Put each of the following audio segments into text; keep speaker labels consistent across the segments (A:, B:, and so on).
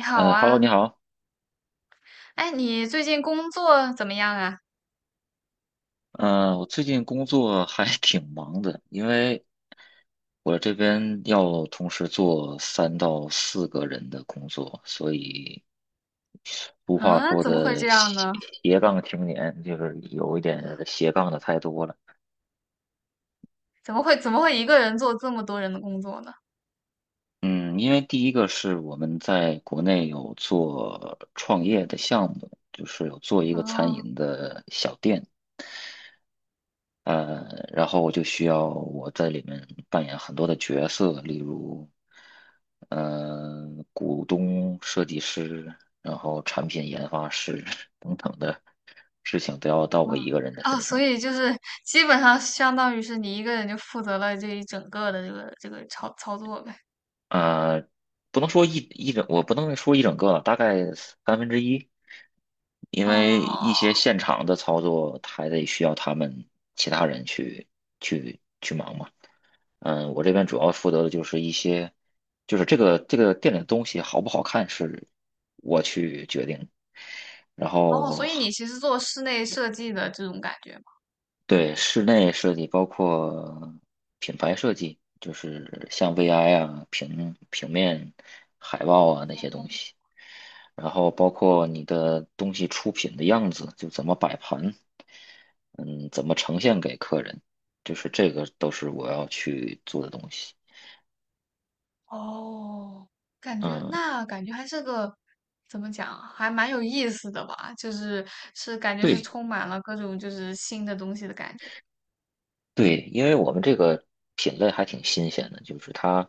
A: 你好
B: Hello，你
A: 啊，
B: 好。
A: 哎，你最近工作怎么样啊？
B: 我最近工作还 挺忙的，因为我这边要同时做3到4个人的工作，所以俗话
A: 嗯，
B: 说
A: 怎么会
B: 的
A: 这样
B: 斜
A: 呢？
B: 斜杠青年，就是有一点斜杠的太多了。
A: 怎么会一个人做这么多人的工作呢？
B: 嗯，因为第一个是我们在国内有做创业的项目，就是有做一个餐
A: 哦，
B: 饮的小店。呃，然后我就需要我在里面扮演很多的角色，例如，呃，股东、设计师，然后产品研发师 等等的事情都要到我
A: 嗯，
B: 一个人的
A: 哦，
B: 身
A: 所
B: 上。
A: 以就是基本上相当于是你一个人就负责了这一整个的这个操作呗。
B: 呃，不能说一整个，大概1/3，因为
A: 哦
B: 一些现场的操作还得需要他们其他人去忙嘛。嗯，我这边主要负责的就是一些，就是这个店里的东西好不好看是我去决定，然
A: 哦，所
B: 后
A: 以你其实做室内设计的这种感觉吗？
B: 对室内设计包括品牌设计，就是像 VI 啊、平面、海报啊那些东西，然后包括你的东西出品的样子，就怎么摆盘，嗯，怎么呈现给客人，就是这个都是我要去做的东西，
A: 哦，感觉
B: 嗯。
A: 还是个怎么讲啊，还蛮有意思的吧？就是是感觉是
B: 对，
A: 充满了各种就是新的东西的感觉。
B: 对，因为我们这个品类还挺新鲜的，就是它，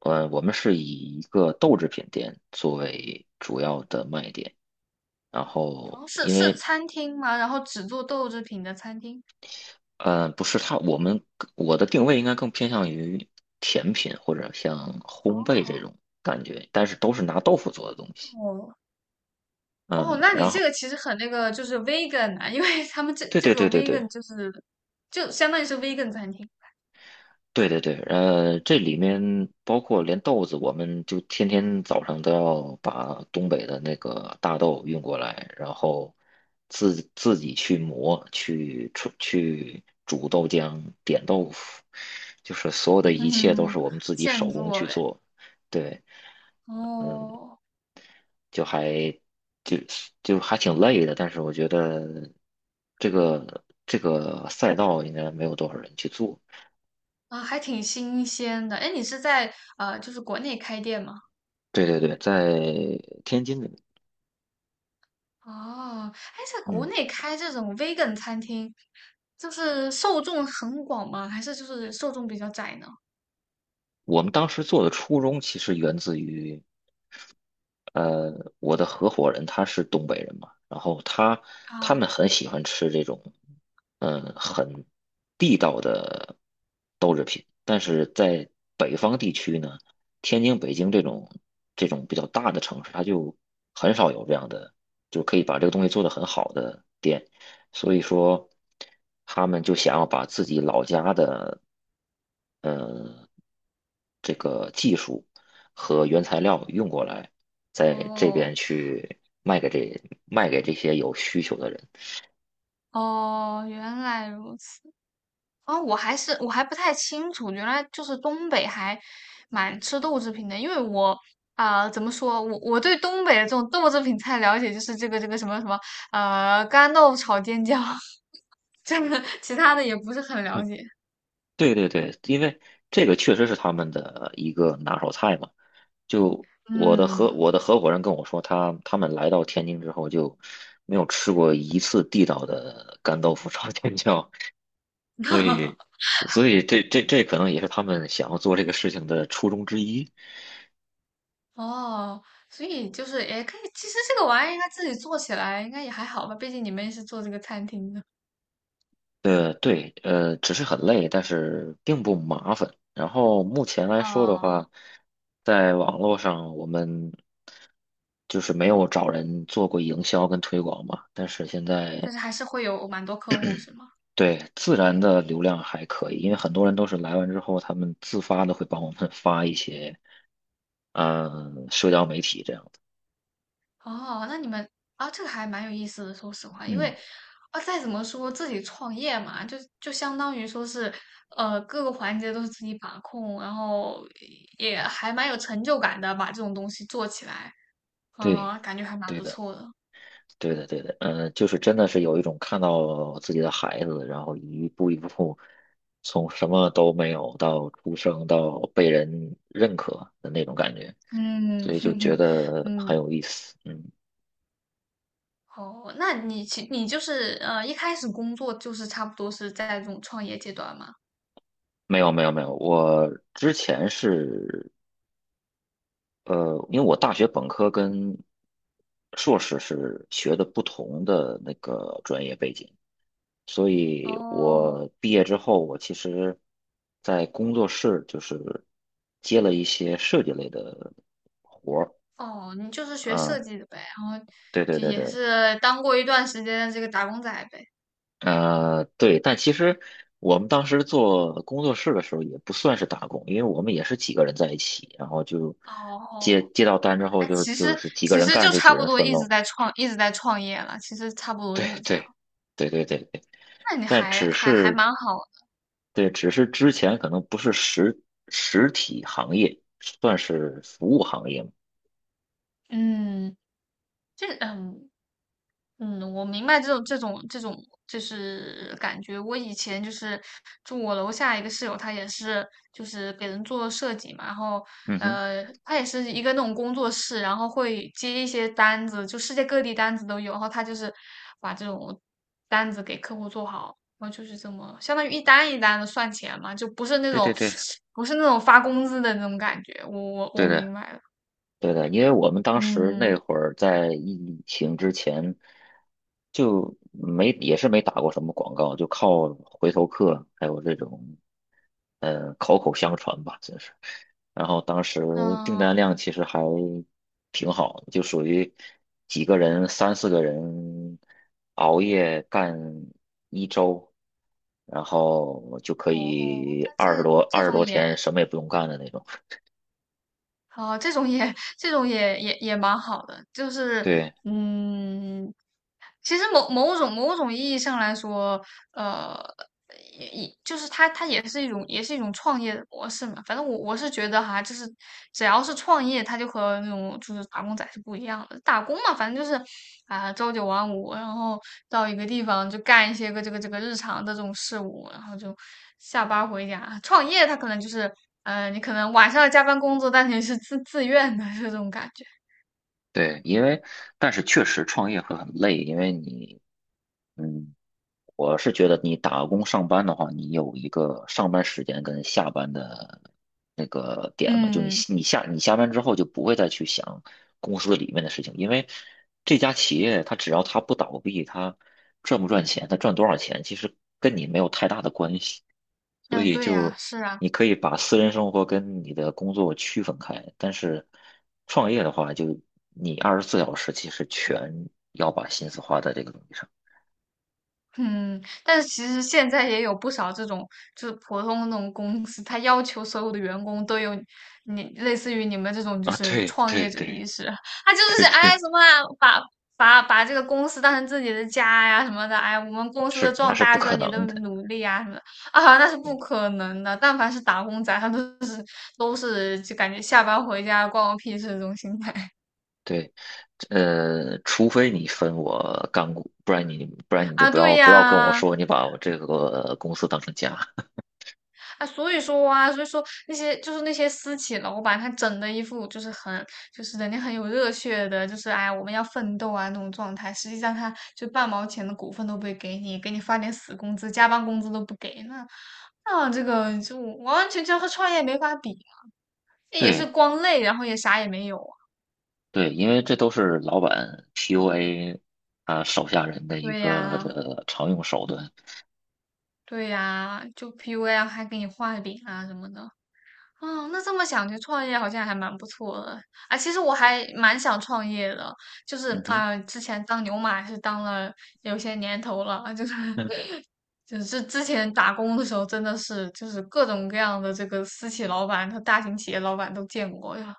B: 我们是以一个豆制品店作为主要的卖点，然后
A: 哦，是
B: 因
A: 是
B: 为，
A: 餐厅吗？然后只做豆制品的餐厅。
B: 不是它，我的定位应该更偏向于甜品或者像烘焙这
A: 哦
B: 种感觉，但是都是拿豆腐做的东西，
A: 哦哦，
B: 嗯，
A: 那你
B: 然
A: 这
B: 后
A: 个其实很那个，就是 vegan 啊，因为他们这
B: 对
A: 这
B: 对
A: 个
B: 对对对，
A: vegan 就是就相当于是 vegan 餐厅，
B: 对对对，这里面包括连豆子，我们就天天早上都要把东北的那个大豆运过来，然后自己去磨，去出去煮豆浆、点豆腐，就是所有的一切都
A: 嗯，
B: 是我们自己
A: 现
B: 手工
A: 做
B: 去
A: 呗。
B: 做。对，
A: 哦
B: 就还就就还挺累的，但是我觉得这个赛道应该没有多少人去做。
A: 啊，还挺新鲜的。哎，你是在就是国内开店吗？
B: 对对对，在天津，
A: 哦，哎，在国
B: 嗯。
A: 内开这种 vegan 餐厅，就是受众很广吗？还是就是受众比较窄呢？
B: 我们当时做的初衷其实源自于，呃，我的合伙人他是东北人嘛，然后他他
A: 啊，
B: 们很喜欢吃这种，嗯、很地道的豆制品，但是在北方地区呢，天津、北京这种比较大的城市，它就很少有这样的，就可以把这个东西做得很好的店，所以说他们就想要把自己老家的，呃，这个技术和原材料用过来。在这边
A: 哦，
B: 去卖给这些有需求的人。
A: 哦，原来如此。哦，我还不太清楚，原来就是东北还蛮吃豆制品的，因为我啊、怎么说，我对东北的这种豆制品菜了解就是这个什么什么干豆炒尖椒，这个其他的也不是很了
B: 嗯，
A: 解。
B: 对对对，因为这个确实是他们的一个拿手菜嘛。就我的合
A: 嗯，
B: 我的合伙人跟我说，他们来到天津之后就没有吃过一次地道的干豆腐炒尖椒，所以 所以这可能也是他们想要做这个事情的初衷之一。
A: 哦，所以就是也可以，其实这个玩意儿应该自己做起来应该也还好吧，毕竟你们也是做这个餐厅的。
B: 对，只是很累，但是并不麻烦。然后目前来说的
A: 哦，
B: 话，在网络上我们就是没有找人做过营销跟推广嘛，但是现
A: 但
B: 在
A: 是还是会有蛮多客户是吗？
B: 对自然的流量还可以，因为很多人都是来完之后，他们自发的会帮我们发一些，嗯，社交媒体这样的。
A: 哦，那你们啊，这个还蛮有意思的。说实话，因为
B: 嗯，
A: 啊，再怎么说自己创业嘛，就相当于说是，呃，各个环节都是自己把控，然后也还蛮有成就感的，把这种东西做起来，
B: 对。
A: 啊，感觉还蛮不错的。
B: 对的，对的，嗯、就是真的是有一种看到自己的孩子，然后一步一步从什么都没有到出生到被人认可的那种感觉，
A: 嗯，
B: 所 以就
A: 哼
B: 觉
A: 哼，
B: 得
A: 嗯，
B: 很有意思。嗯，
A: 好，那你就是一开始工作就是差不多是在这种创业阶段嘛？
B: 没有，没有，没有，我之前是因为我大学本科跟硕士是学的不同的那个专业背景。所以
A: 哦，
B: 我毕业之后，我其实，在工作室就是接了一些设计类的，
A: 哦，你就是学
B: 嗯，
A: 设计的呗，然后
B: 对对
A: 就
B: 对
A: 也
B: 对，
A: 是当过一段时间的这个打工仔呗。
B: 对，但其实我们当时做工作室的时候也不算是打工，因为我们也是几个人在一起，然后就
A: 哦，
B: 接到单之后
A: 哎，
B: 就
A: 其
B: 就
A: 实
B: 是几个
A: 其
B: 人
A: 实
B: 干
A: 就
B: 就几
A: 差
B: 个
A: 不
B: 人
A: 多
B: 分喽，
A: 一直在创业了，其实差不 多
B: 对
A: 就是这样。
B: 对对对对，
A: 那你
B: 但
A: 还
B: 只
A: 还还
B: 是
A: 蛮好的
B: 对，只是之前可能不是实体行业，算是服务行业嘛。
A: 嗯，就是嗯，我明白这种就是感觉。我以前就是住我楼下一个室友，他也是就是给人做设计嘛，然后
B: 嗯哼，
A: 他也是一个那种工作室，然后会接一些单子，就世界各地单子都有，然后他就是把这种单子给客户做好，然后就是这么相当于一单一单的算钱嘛，就不是那
B: 对对
A: 种
B: 对，
A: 不是那种发工资的那种感觉。我
B: 对的，
A: 明白了，
B: 对的，因为我们当时
A: 嗯
B: 那会儿在疫情之前，就没也是没打过什么广告，就靠回头客还有这种口口相传吧，真是。然后当时订
A: 嗯、哦
B: 单量其实还挺好，就属于几个人、三四个人熬夜干1周，然后就可
A: 哦，他
B: 以二十
A: 这
B: 多
A: 这
B: 二十
A: 种
B: 多
A: 也。
B: 天什么也不用干的那种。
A: 好，这种也蛮好的，就是
B: 对
A: 嗯，其实某种某种意义上来说，呃，也就是它，它也是一种，也是一种创业的模式嘛。反正我是觉得哈，就是只要是创业，它就和那种就是打工仔是不一样的。打工嘛，反正就是啊，朝九晚五，然后到一个地方就干一些个这个日常的这种事务，然后就下班回家。创业它可能就是，呃，你可能晚上要加班工作，但是你是自愿的，是这种感觉。
B: 对，因为但是确实创业会很累，因为你嗯我是觉得你打工上班的话，你有一个上班时间跟下班的那个点嘛，就你
A: 嗯，
B: 你下你下班之后就不会再去想公司里面的事情，因为这家企业它只要它不倒闭，它赚不赚钱，它赚多少钱，其实跟你没有太大的关系，所
A: 嗯，
B: 以
A: 对呀，
B: 就
A: 是啊。
B: 你可以把私人生活跟你的工作区分开，但是创业的话，就你24小时其实全要把心思花在这个东西上
A: 嗯，但是其实现在也有不少这种，就是普通的那种公司，他要求所有的员工都有你类似于你们这种就
B: 啊，
A: 是
B: 对
A: 创
B: 对
A: 业者
B: 对。
A: 意识，他就
B: 对
A: 是哎
B: 对，
A: 什么啊把把这个公司当成自己的家呀什么的，哎我们公司的
B: 是那
A: 壮
B: 是
A: 大
B: 不
A: 需要
B: 可
A: 你的
B: 能的。
A: 努力啊什么的啊，那是不
B: 嗯，
A: 可能的。但凡是打工仔，他都是就感觉下班回家关我屁事这种心态
B: 对，除非你分我干股，不然你就
A: 啊，对
B: 不要跟我
A: 呀。
B: 说你把我这个公司当成家。
A: 啊，所以说啊，所以说那些就是那些私企老板，他整的一副就是很就是人家很有热血的，就是哎呀我们要奋斗啊那种状态。实际上他就半毛钱的股份都不会给你，给你发点死工资，加班工资都不给，那这个就完完全全和创业没法比，这也是
B: 对
A: 光累，然后也啥也没有啊。
B: 对，因为这都是老板 PUA 啊手下人的一
A: 对
B: 个
A: 呀，
B: 常用手段。
A: 对呀，就 PUA 啊还给你画饼啊什么的。哦，那这么想，就创业好像还蛮不错的。啊，其实我还蛮想创业的，就是
B: 嗯哼。
A: 啊、之前当牛马是当了有些年头了，就是
B: 嗯。
A: 就是之前打工的时候，真的是就是各种各样的这个私企老板和大型企业老板都见过呀，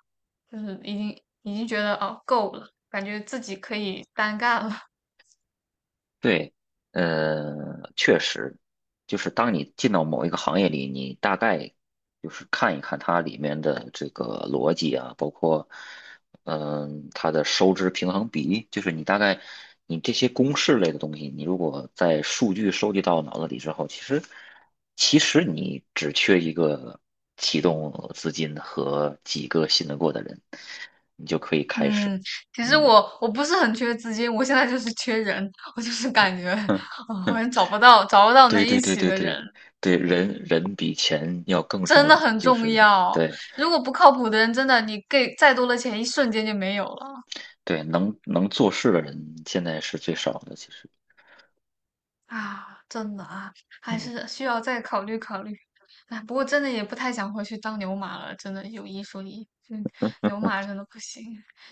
A: 就是已经觉得哦够了，感觉自己可以单干了。
B: 对，确实，就是当你进到某一个行业里，你大概就是看一看它里面的这个逻辑啊，包括，嗯、它的收支平衡比，例，就是你大概你这些公式类的东西，你如果在数据收集到脑子里之后，其实你只缺一个启动资金和几个信得过的人，你就可以开始，
A: 嗯，其实
B: 嗯。
A: 我不是很缺资金，我现在就是缺人，我就是感觉，啊、好像找不到能
B: 对对
A: 一
B: 对
A: 起
B: 对
A: 的人。
B: 对对，人人比钱要更
A: 真
B: 重
A: 的
B: 要，
A: 很
B: 就
A: 重
B: 是
A: 要。
B: 对
A: 如果不靠谱的人，真的你给再多的钱，一瞬间就没有了
B: 对，能做事的人现在是最少的，其实，
A: 啊！真的啊，还
B: 嗯，
A: 是需要再考虑考虑。哎，不过真的也不太想回去当牛马了，真的有一说一，嗯，牛马真的不行。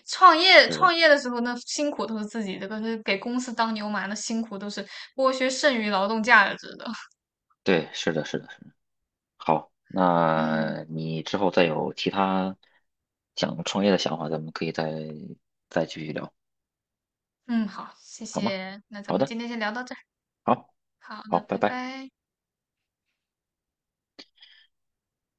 B: 是的，
A: 创业的时候呢，辛苦都是自己的，可是给公司当牛马，那辛苦都是剥削剩余劳动价值的。
B: 对，是的，是的，是的。好，
A: 嗯
B: 那你之后再有其他想创业的想法，咱们可以再继续聊，
A: 嗯，好，谢
B: 好吗？
A: 谢。那咱
B: 好
A: 们
B: 的，
A: 今天先聊到这儿，
B: 好，
A: 好
B: 好，
A: 的，
B: 拜
A: 拜
B: 拜。
A: 拜。